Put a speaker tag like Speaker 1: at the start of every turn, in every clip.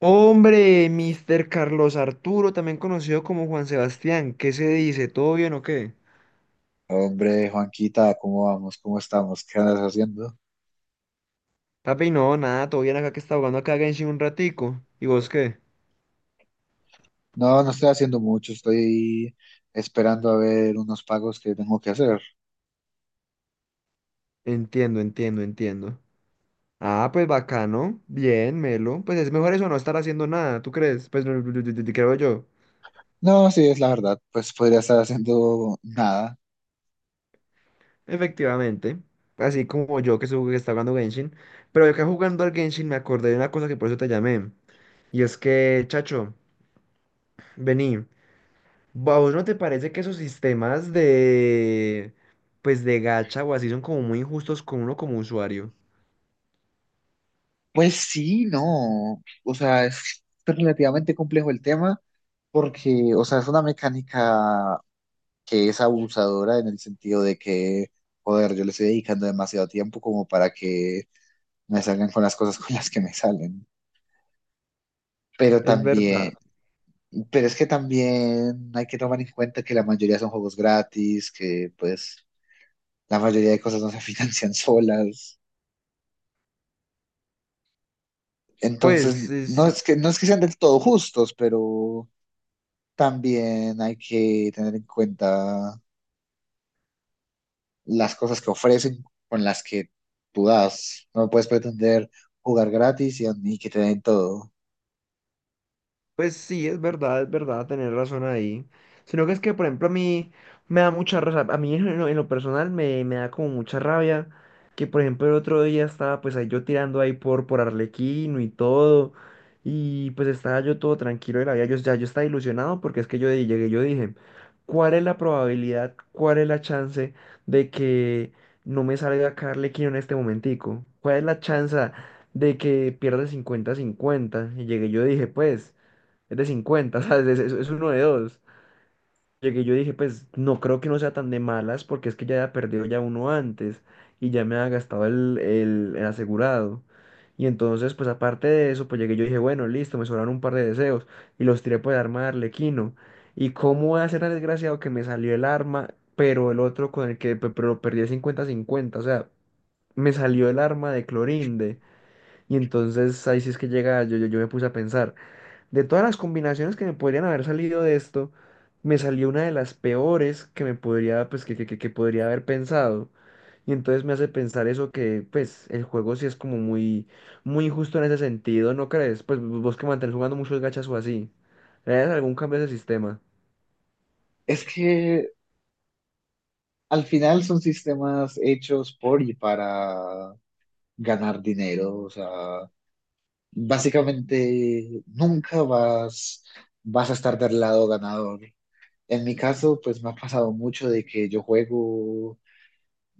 Speaker 1: Hombre, Mr. Carlos Arturo, también conocido como Juan Sebastián, ¿qué se dice? ¿Todo bien o qué?
Speaker 2: Hombre, Juanquita, ¿cómo vamos? ¿Cómo estamos? ¿Qué andas haciendo?
Speaker 1: Papi, no, nada, todo bien acá que está jugando acá a Genshin un ratico. ¿Y vos qué?
Speaker 2: No, no estoy haciendo mucho, estoy esperando a ver unos pagos que tengo que hacer.
Speaker 1: Entiendo, entiendo, entiendo. Ah, pues bacano, bien, Melo. Pues es mejor eso no estar haciendo nada, ¿tú crees? Pues no, creo yo.
Speaker 2: No, sí, es la verdad, pues podría estar haciendo nada.
Speaker 1: Efectivamente. Así como yo que, que está jugando Genshin. Pero yo que jugando al Genshin me acordé de una cosa que por eso te llamé. Y es que, chacho, vení. ¿A vos no te parece que esos sistemas de, pues de gacha o así son como muy injustos con uno como usuario?
Speaker 2: Pues sí, no, o sea, es relativamente complejo el tema porque, o sea, es una mecánica que es abusadora en el sentido de que, joder, yo le estoy dedicando demasiado tiempo como para que me salgan con las cosas con las que me salen. Pero
Speaker 1: Es verdad.
Speaker 2: también. Pero es que también hay que tomar en cuenta que la mayoría son juegos gratis, que pues la mayoría de cosas no se financian solas. Entonces,
Speaker 1: Pues
Speaker 2: no
Speaker 1: sí.
Speaker 2: es que, no es que sean del todo justos, pero también hay que tener en cuenta las cosas que ofrecen con las que tú das. No puedes pretender jugar gratis y que te den todo.
Speaker 1: Pues sí, es verdad, tener razón ahí. Sino que es que, por ejemplo, a mí me da mucha rabia, a mí en lo personal me da como mucha rabia que, por ejemplo, el otro día estaba pues ahí yo tirando ahí por Arlequino y todo, y pues estaba yo todo tranquilo de la vida, yo estaba ilusionado porque es que llegué, yo dije, ¿cuál es la probabilidad, cuál es la chance de que no me salga acá Arlequino en este momentico? ¿Cuál es la chance de que pierda cincuenta cincuenta? Y llegué, yo dije, pues es de 50 ¿sabes? Es uno de dos. Llegué y yo dije, pues no creo que no sea tan de malas porque es que ya había perdido ya uno antes y ya me había gastado el asegurado. Y entonces, pues aparte de eso, pues llegué y yo dije, bueno, listo, me sobraron un par de deseos y los tiré por el arma de Arlequino. ¿Y cómo va a ser tan desgraciado que me salió el arma, pero el otro con el que pero perdí el cincuenta 50? O sea, me salió el arma de Clorinde. Y entonces ahí sí es que llega, yo me puse a pensar. De todas las combinaciones que me podrían haber salido de esto, me salió una de las peores que me podría, pues, que podría haber pensado. Y entonces me hace pensar eso que, pues, el juego sí es como muy, muy injusto en ese sentido, ¿no crees? Pues vos que mantenés jugando muchos gachas o así. ¿Le harías algún cambio a ese sistema?
Speaker 2: Es que al final son sistemas hechos por y para ganar dinero, o sea, básicamente nunca vas, vas a estar del lado ganador. En mi caso, pues me ha pasado mucho de que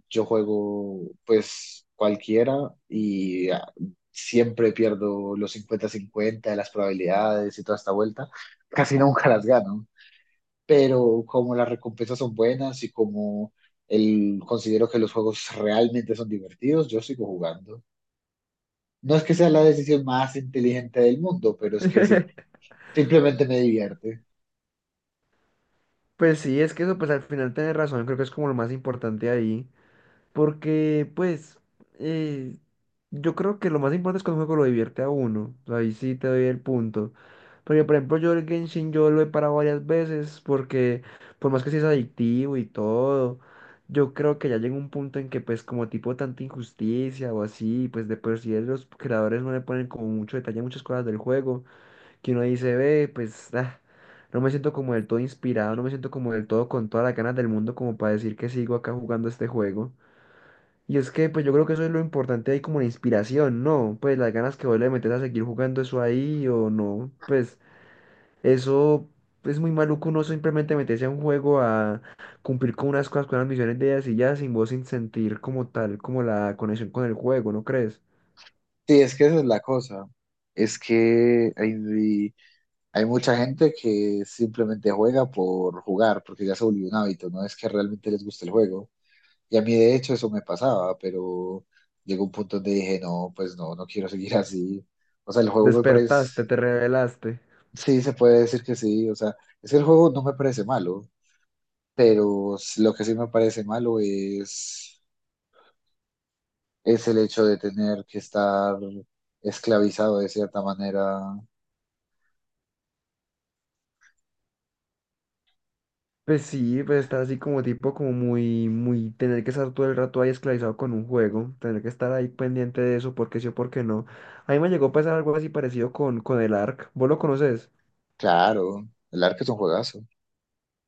Speaker 2: yo juego pues cualquiera y siempre pierdo los 50/50 de las probabilidades y toda esta vuelta. Casi nunca las gano, pero como las recompensas son buenas y como considero que los juegos realmente son divertidos, yo sigo jugando. No es que sea la decisión más inteligente del mundo, pero es que si. Simplemente me divierte.
Speaker 1: Pues sí, es que eso, pues al final tenés razón, creo que es como lo más importante ahí. Porque, pues, eh, yo creo que lo más importante es que un juego lo divierte a uno. Ahí sí te doy el punto. Porque, por ejemplo, yo el Genshin yo lo he parado varias veces porque, por más que sí es adictivo y todo, yo creo que ya llega un punto en que, pues, como tipo tanta injusticia o así, pues, de por sí los creadores no le ponen como mucho detalle a muchas cosas del juego, que uno dice, ve, pues, ah, no me siento como del todo inspirado, no me siento como del todo con todas las ganas del mundo como para decir que sigo acá jugando este juego. Y es que, pues yo creo que eso es lo importante ahí como la inspiración, ¿no? Pues las ganas que vos le metes a seguir jugando eso ahí o no. Pues eso es muy maluco uno simplemente meterse a un juego a cumplir con unas cosas, con unas misiones de ellas y ya sin vos sin sentir como tal, como la conexión con el juego, ¿no crees?
Speaker 2: Sí, es que esa es la cosa. Es que hay mucha gente que simplemente juega por jugar, porque ya se volvió un hábito, no es que realmente les guste el juego. Y a mí, de hecho, eso me pasaba, pero llegó un punto donde dije, no, pues no, no quiero seguir así. O sea, el juego me parece,
Speaker 1: Despertaste, te revelaste.
Speaker 2: sí, se puede decir que sí, o sea, es que el juego no me parece malo, pero lo que sí me parece malo es el hecho de tener que estar esclavizado de cierta manera.
Speaker 1: Pues sí, pues estar así como tipo, como muy, muy, tener que estar todo el rato ahí esclavizado con un juego, tener que estar ahí pendiente de eso, porque sí o porque no. A mí me llegó a pasar algo así parecido con, el Ark. ¿Vos lo conoces?
Speaker 2: Claro, el arco es un juegazo.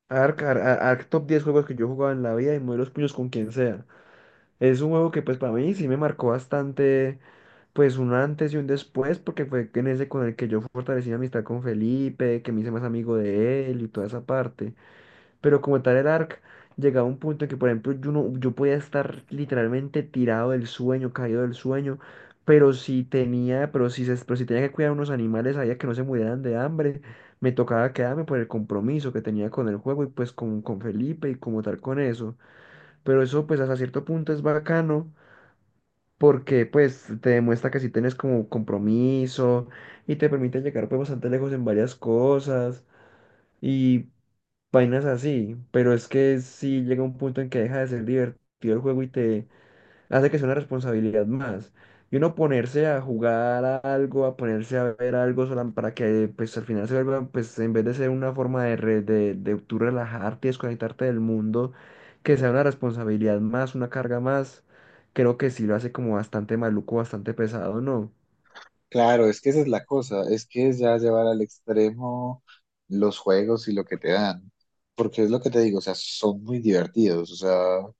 Speaker 1: Ark, top 10 juegos que yo he jugado en la vida y muevo los puños con quien sea. Es un juego que pues para mí sí me marcó bastante, pues un antes y un después, porque fue en ese con el que yo fortalecí mi amistad con Felipe, que me hice más amigo de él y toda esa parte. Pero como tal el ARC, llegaba a un punto en que, por ejemplo, yo, no, yo podía estar literalmente tirado del sueño, caído del sueño, pero si tenía, pero si, se, pero si tenía que cuidar unos animales, sabía que no se murieran de hambre, me tocaba quedarme por el compromiso que tenía con el juego y pues con Felipe y como tal con eso. Pero eso pues hasta cierto punto es bacano. Porque pues te demuestra que si tienes como compromiso y te permite llegar pues bastante lejos en varias cosas. Y vainas así, pero es que sí llega un punto en que deja de ser divertido el juego y te hace que sea una responsabilidad más. Y uno ponerse a jugar a algo, a ponerse a ver algo para que pues al final se vuelva, pues en vez de ser una forma de tú relajarte y desconectarte del mundo, que sea una responsabilidad más, una carga más, creo que sí lo hace como bastante maluco, bastante pesado, ¿no?
Speaker 2: Claro, es que esa es la cosa, es que es ya llevar al extremo los juegos y lo que te dan, porque es lo que te digo, o sea, son muy divertidos, o sea,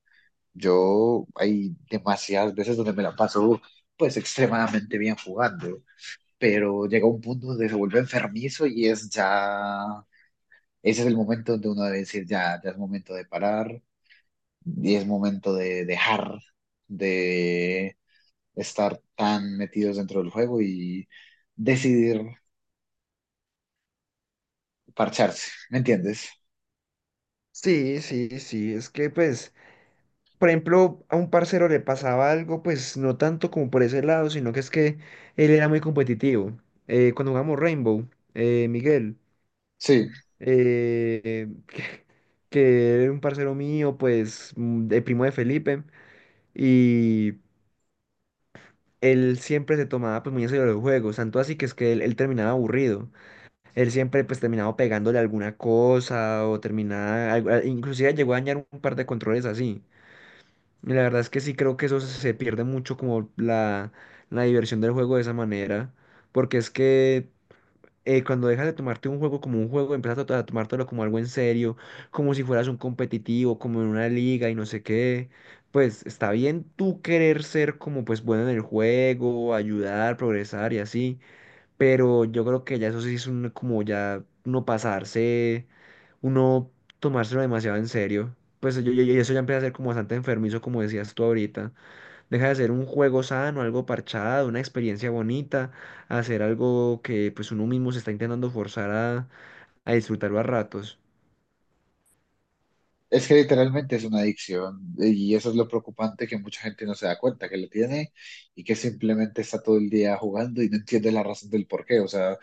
Speaker 2: yo hay demasiadas veces donde me la paso pues extremadamente bien jugando, pero llega un punto donde se vuelve enfermizo y es ya, ese es el momento donde uno debe decir ya, ya es momento de parar y es momento de dejar de estar tan metidos dentro del juego y decidir parcharse, ¿me entiendes?
Speaker 1: Sí, sí, sí, es que pues, por ejemplo, a un parcero le pasaba algo, pues no tanto como por ese lado, sino que es que él era muy competitivo. Cuando jugamos Rainbow, Miguel,
Speaker 2: Sí,
Speaker 1: eh, que, que era un parcero mío, pues, de primo de Felipe, y él siempre se tomaba pues muy en serio los juegos, tanto así que es que él terminaba aburrido. Él siempre pues terminaba pegándole alguna cosa o terminaba, inclusive llegó a dañar un par de controles así. Y la verdad es que sí creo que eso se pierde mucho como la diversión del juego de esa manera, porque es que cuando dejas de tomarte un juego como un juego, empiezas a tomártelo como algo en serio, como si fueras un competitivo, como en una liga y no sé qué, pues está bien tú querer ser como pues bueno en el juego, ayudar, progresar y así, pero yo creo que ya eso sí es un, como ya uno pasarse, uno tomárselo demasiado en serio. Pues eso ya empieza a ser como bastante enfermizo, como decías tú ahorita. Deja de ser un juego sano, algo parchado, una experiencia bonita, a ser algo que pues uno mismo se está intentando forzar a, disfrutarlo a ratos.
Speaker 2: es que literalmente es una adicción y eso es lo preocupante que mucha gente no se da cuenta que lo tiene y que simplemente está todo el día jugando y no entiende la razón del por qué. O sea,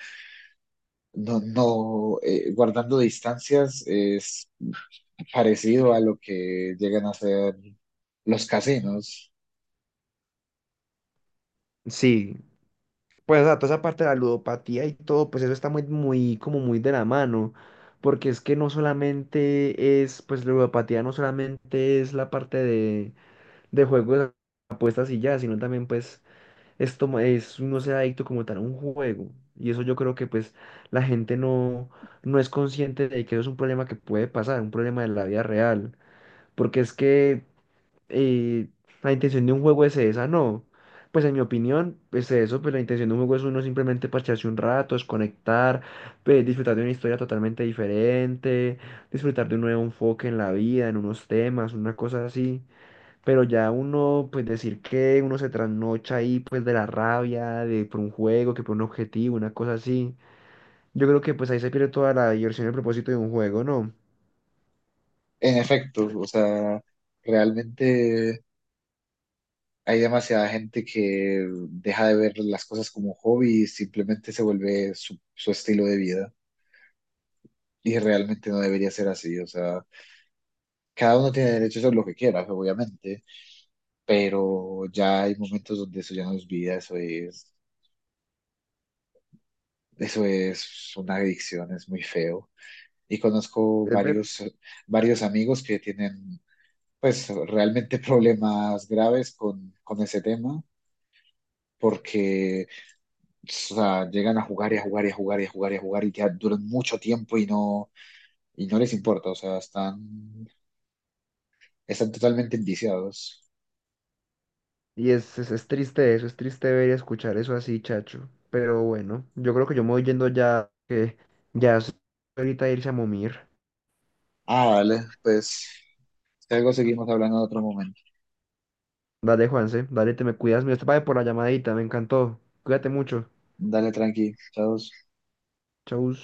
Speaker 2: no, no, guardando distancias es parecido a lo que llegan a hacer los casinos.
Speaker 1: Sí, pues o sea, toda esa parte de la ludopatía y todo, pues eso está muy, muy, como muy de la mano. Porque es que no solamente es, pues la ludopatía no solamente es la parte de juegos, apuestas y ya, sino también pues es no ser adicto como tal a un juego. Y eso yo creo que pues la gente no es consciente de que eso es un problema que puede pasar, un problema de la vida real. Porque es que eh, la intención de un juego es esa, no. Pues en mi opinión es eso, pues la intención de un juego es uno simplemente parcharse un rato, desconectar, pues, disfrutar de una historia totalmente diferente, disfrutar de un nuevo enfoque en la vida, en unos temas, una cosa así. Pero ya uno, pues decir que uno se trasnocha ahí, pues de la rabia, de por un juego, que por un objetivo, una cosa así. Yo creo que pues ahí se pierde toda la diversión y el propósito de un juego, ¿no?
Speaker 2: En efecto, o sea, realmente hay demasiada gente que deja de ver las cosas como hobby y simplemente se vuelve su estilo de vida. Y realmente no debería ser así, o sea, cada uno tiene derecho a hacer lo que quiera, obviamente, pero ya hay momentos donde eso ya no es vida, eso es una adicción, es muy feo. Y conozco
Speaker 1: Es ver.
Speaker 2: varios, varios amigos que tienen, pues, realmente problemas graves con ese tema, porque. O sea, llegan a jugar y a jugar y a jugar y a jugar y a jugar y que duran mucho tiempo y no les importa, o sea, están totalmente enviciados.
Speaker 1: Y es triste eso, es triste ver y escuchar eso así, chacho. Pero bueno, yo creo que yo me voy yendo ya, que ya es ahorita irse a momir.
Speaker 2: Ah, dale, pues, si algo seguimos hablando en otro momento.
Speaker 1: Dale, Juanse, dale, te me cuidas. Mira, te pague por la llamadita, me encantó. Cuídate mucho.
Speaker 2: Dale, tranqui, chao.
Speaker 1: Chau.